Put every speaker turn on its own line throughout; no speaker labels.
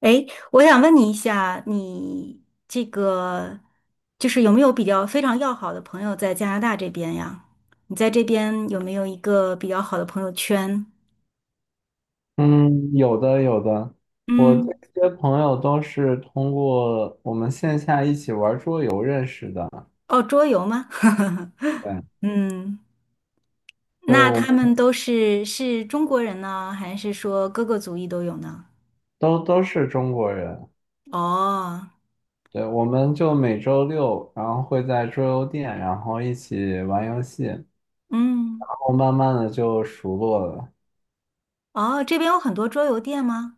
诶，我想问你一下，你这个就是有没有比较非常要好的朋友在加拿大这边呀？你在这边有没有一个比较好的朋友圈？
嗯，有的有的，我
嗯，
这些朋友都是通过我们线下一起玩桌游认识的。
哦，桌游吗？
对，
嗯，
就是
那
我
他们都是中国人呢，还是说各个族裔都有呢？
都都是中国人。
哦，
对，我们就每周六，然后会在桌游店，然后一起玩游戏，然
嗯，
后慢慢的就熟络了。
哦，这边有很多桌游店吗？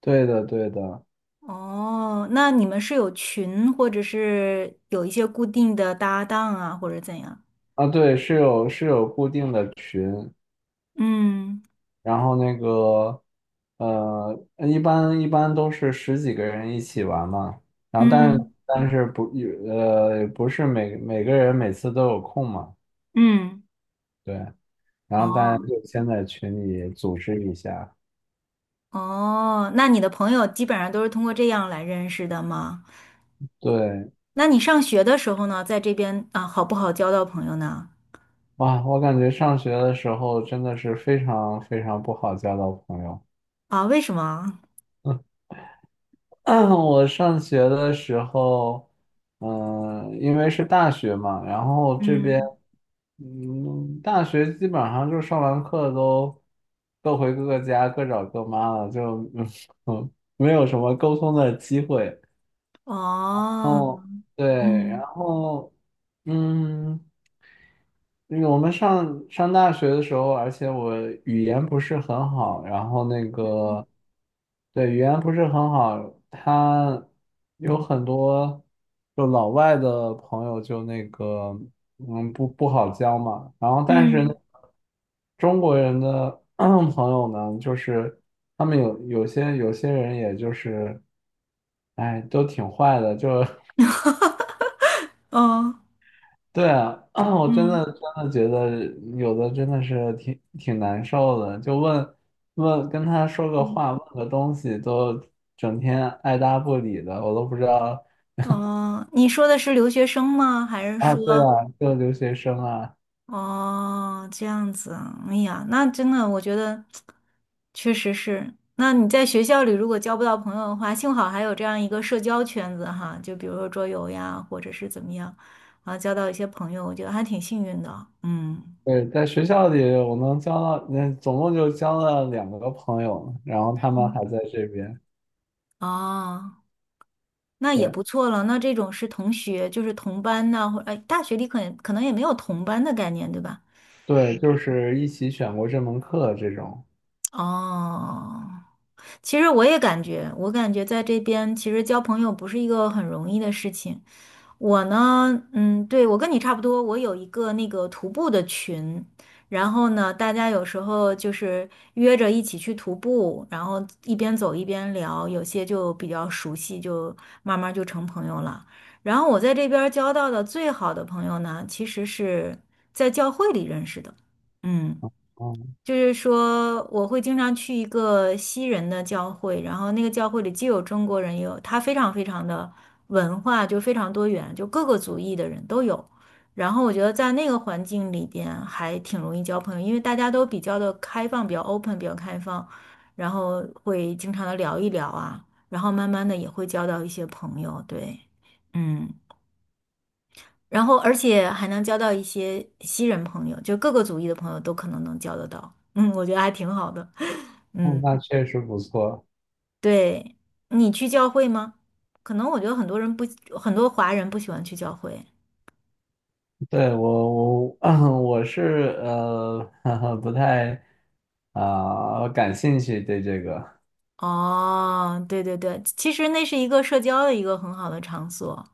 对的，对的。
哦，那你们是有群，或者是有一些固定的搭档啊，或者怎样？
啊，对，是有固定的群，
嗯
然后那个，一般都是十几个人一起玩嘛，然后但
嗯
但是不是每个人每次都有空嘛，
嗯，
对，然后大家
哦
就先在群里组织一下，
哦，那你的朋友基本上都是通过这样来认识的吗？
对，
那你上学的时候呢，在这边啊，好不好交到朋友呢？
哇，我感觉上学的时候真的是非常非常不好交到朋友。
啊，为什么？
我上学的时候，因为是大学嘛，然后这边，
嗯，
大学基本上就上完课都各回各个家，各找各妈了，就 嗯没有什么沟通的机会。
哦，
对，然
嗯
后嗯，因为我们上大学的时候，而且我语言不是很好，然后那个对语言不是很好，他有很多就老外的朋友就那个不好交嘛，然后但是呢
嗯，
中国人的 朋友呢，就是他们有些人也就是。哎，都挺坏的，就
哦，
对啊，我真的
嗯
真的觉得有的真的是挺难受的，就问问跟他说个
嗯，嗯
话，问个东西，都整天爱答不理的，我都不知道
哦，你说的是留学生吗？还是
啊。对啊，
说？
就留学生啊，
哦，这样子啊，哎呀，那真的，我觉得确实是。那你在学校里如果交不到朋友的话，幸好还有这样一个社交圈子哈，就比如说桌游呀，或者是怎么样，啊，交到一些朋友，我觉得还挺幸运的。嗯，
对，在学校里我能交到，嗯，总共就交了两个朋友，然后他们
嗯，
还在这边，
哦，那也
对
不错了。那这种是同学，就是同班呐、或哎，大学里可能也没有同班的概念，对吧？
对，就是一起选过这门课这种，
哦，其实我也感觉，我感觉在这边其实交朋友不是一个很容易的事情。我呢，嗯，对，我跟你差不多，我有一个那个徒步的群，然后呢，大家有时候就是约着一起去徒步，然后一边走一边聊，有些就比较熟悉，就慢慢就成朋友了。然后我在这边儿交到的最好的朋友呢，其实是在教会里认识的，嗯。
嗯，
就是说，我会经常去一个西人的教会，然后那个教会里既有中国人，也有他非常非常的文化就非常多元，就各个族裔的人都有。然后我觉得在那个环境里边还挺容易交朋友，因为大家都比较的开放，比较 open，比较开放，然后会经常的聊一聊啊，然后慢慢的也会交到一些朋友，对，嗯。然后而且还能交到一些西人朋友，就各个族裔的朋友都可能能交得到。嗯，我觉得还挺好的。嗯，
那确实不错。
对，你去教会吗？可能我觉得很多人不，很多华人不喜欢去教会。
对，我 我是不太感兴趣对这个
哦，对对对，其实那是一个社交的一个很好的场所。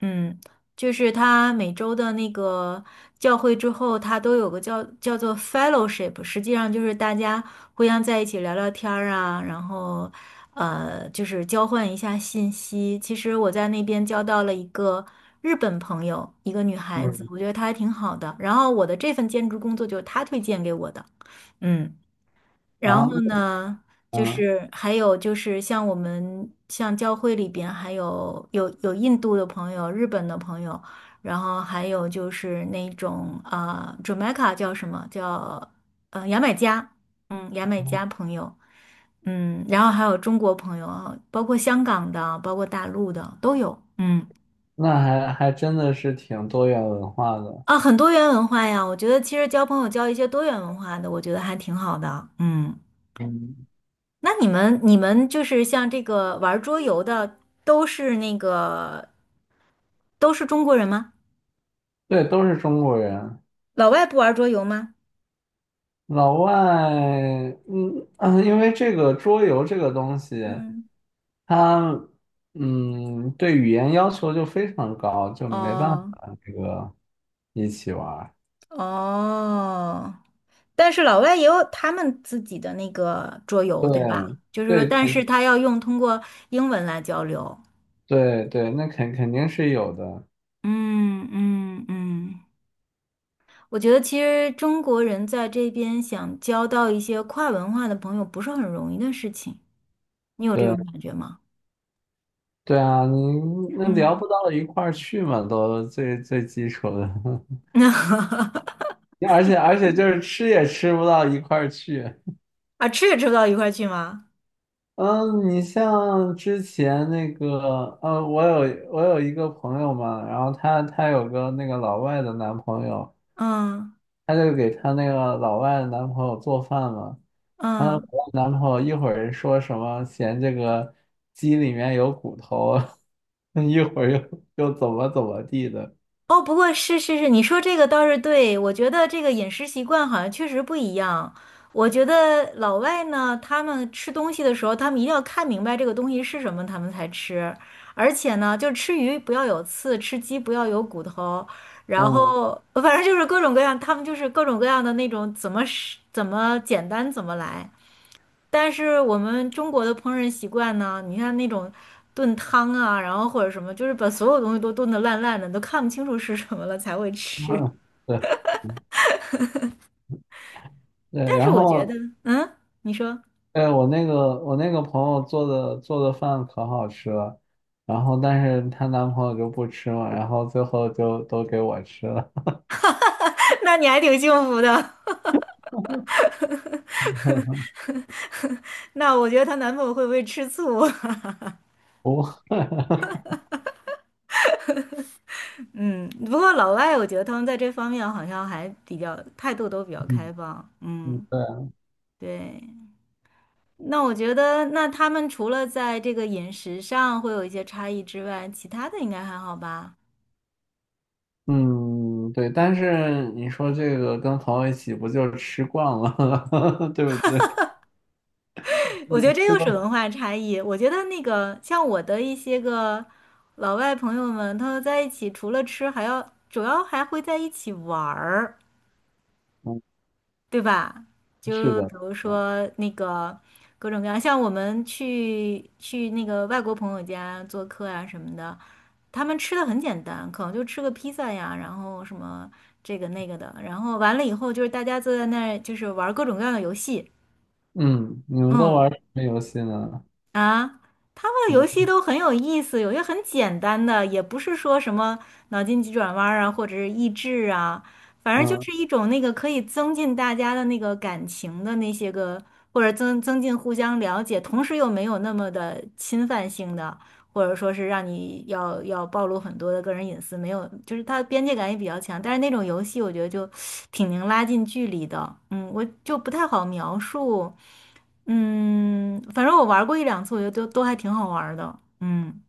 嗯，就是他每周的那个教会之后，他都有个叫做 fellowship，实际上就是大家互相在一起聊聊天儿啊，然后就是交换一下信息。其实我在那边交到了一个日本朋友，一个女孩子，我
嗯
觉得她还挺好的。然后我的这份兼职工作就是她推荐给我的，嗯。然
啊
后呢，就
嗯，
是还有就是像我们像教会里边还有印度的朋友、日本的朋友，然后还有就是那种啊、Jamaica 叫什么叫牙买加，嗯，牙买加朋友，嗯，然后还有中国朋友啊，包括香港的，包括大陆的都有，嗯
那还真的是挺多元文化的，
啊，很多元文化呀，我觉得其实交朋友交一些多元文化的，我觉得还挺好的，嗯。
嗯
那你们你们就是像这个玩桌游的，都是那个都是中国人吗？
对，都是中国人，
老外不玩桌游吗？
老外嗯嗯，因为这个桌游这个东西，
嗯，
它对语言要求就非常高，就没办
哦
法这个一起玩儿
哦，但是老外也有他们自己的那个桌游，对吧？就是说，
对
但
对
是他要用通过英文来交流。
对对，那肯定是有的。
嗯嗯嗯，我觉得其实中国人在这边想交到一些跨文化的朋友不是很容易的事情，你有这种
对
感觉吗？
对啊，你那聊
嗯，
不到一块儿去嘛，都最最基础的，
那。
而且就是吃也吃不到一块儿去。
啊，吃也吃不到一块儿去吗？
嗯，你像之前那个，我有一个朋友嘛，然后她有个那个老外的男朋友，
嗯
她就给她那个老外的男朋友做饭嘛，她老
嗯，
外男朋友一会儿说什么嫌这个鸡里面有骨头啊，一会儿又怎么怎么地的，
哦，不过是是是，你说这个倒是对，我觉得这个饮食习惯好像确实不一样。我觉得老外呢，他们吃东西的时候，他们一定要看明白这个东西是什么，他们才吃。而且呢，就吃鱼不要有刺，吃鸡不要有骨头，然
嗯。
后反正就是各种各样，他们就是各种各样的那种怎么是怎么简单怎么来。但是我们中国的烹饪习惯呢，你看那种炖汤啊，然后或者什么，就是把所有东西都炖得烂烂的，你都看不清楚是什么了才会吃。
对。对，
但是
然
我觉得，
后
嗯，你说，
对我那个朋友做的饭可好吃了，然后但是她男朋友就不吃嘛，然后最后就都给我吃了。
那你还挺幸福的。那我觉得她男朋友会不会吃醋？
不，
嗯，不过老外我觉得他们在这方面好像还比较态度都比较开
嗯
放。
嗯，
嗯，
对，
对。那我觉得，那他们除了在这个饮食上会有一些差异之外，其他的应该还好吧？
嗯对，但是你说这个跟朋友一起不就吃惯了，对不对？
我觉得这
吃
又是
的，
文化差异。我觉得那个像我的一些个老外朋友们，他们在一起除了吃，还要主要还会在一起玩儿，
嗯，
对吧？
是
就比
的
如
是的
说那个各种各样，像我们去那个外国朋友家做客啊什么的，他们吃的很简单，可能就吃个披萨呀，然后什么这个那个的，然后完了以后就是大家坐在那儿就是玩各种各样的游戏，
嗯，你们都
嗯。
玩什么游戏呢？
啊，他们的游戏
嗯
都很有意思，有些很简单的，也不是说什么脑筋急转弯儿啊，或者是益智啊，反正就
嗯
是一种那个可以增进大家的那个感情的那些个，或者增进互相了解，同时又没有那么的侵犯性的，或者说是让你要暴露很多的个人隐私，没有，就是它的边界感也比较强。但是那种游戏我觉得就挺能拉近距离的，嗯，我就不太好描述。嗯，反正我玩过一两次，我觉得都还挺好玩的。嗯，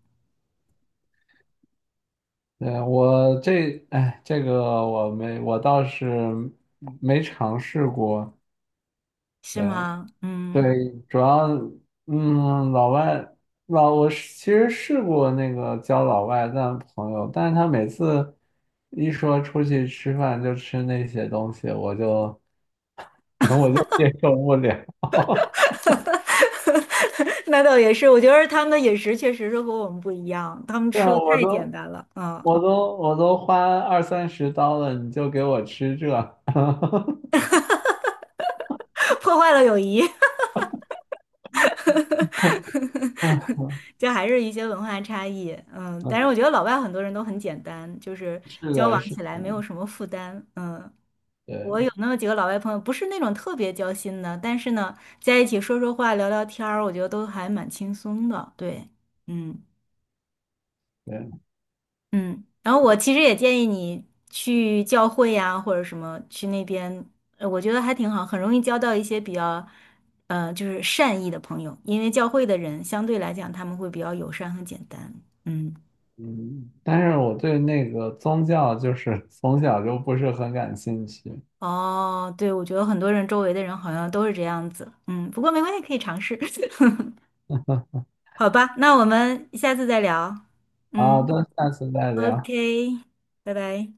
对，我这，哎，这个我没，我倒是没尝试过。
是
对
吗？嗯，
对，主要，老外，老，我是其实试过那个交老外的朋友，但是他每次一说出去吃饭就吃那些东西，我就 我就接受不了。
那倒也是，我觉得他们的饮食确实是和我们不一样，他们
对
吃
啊，
的
我
太简
都
单了，嗯，
我都我都花20-30刀了，你就给我吃这？
破坏了友谊，
哎呀，
这还是一些文化差异。嗯，但是我
嗯，
觉得老外很多人都很简单，就是
是
交
的，
往
是
起来没有
的，
什么负担。嗯。我有
对。
那么几个老外朋友，不是那种特别交心的，但是呢，在一起说说话、聊聊天儿，我觉得都还蛮轻松的。对，嗯。
对，
嗯，然后我其实也建议你去教会呀，或者什么去那边，我觉得还挺好，很容易交到一些比较，就是善意的朋友，因为教会的人相对来讲他们会比较友善和简单。嗯，
嗯，但是我对那个宗教就是 从小就不是很感兴趣。
哦，对，我觉得很多人周围的人好像都是这样子。嗯，不过没关系，可以尝试。好吧，那我们下次再聊。
好
嗯
的，那下次再聊。
，OK，拜拜。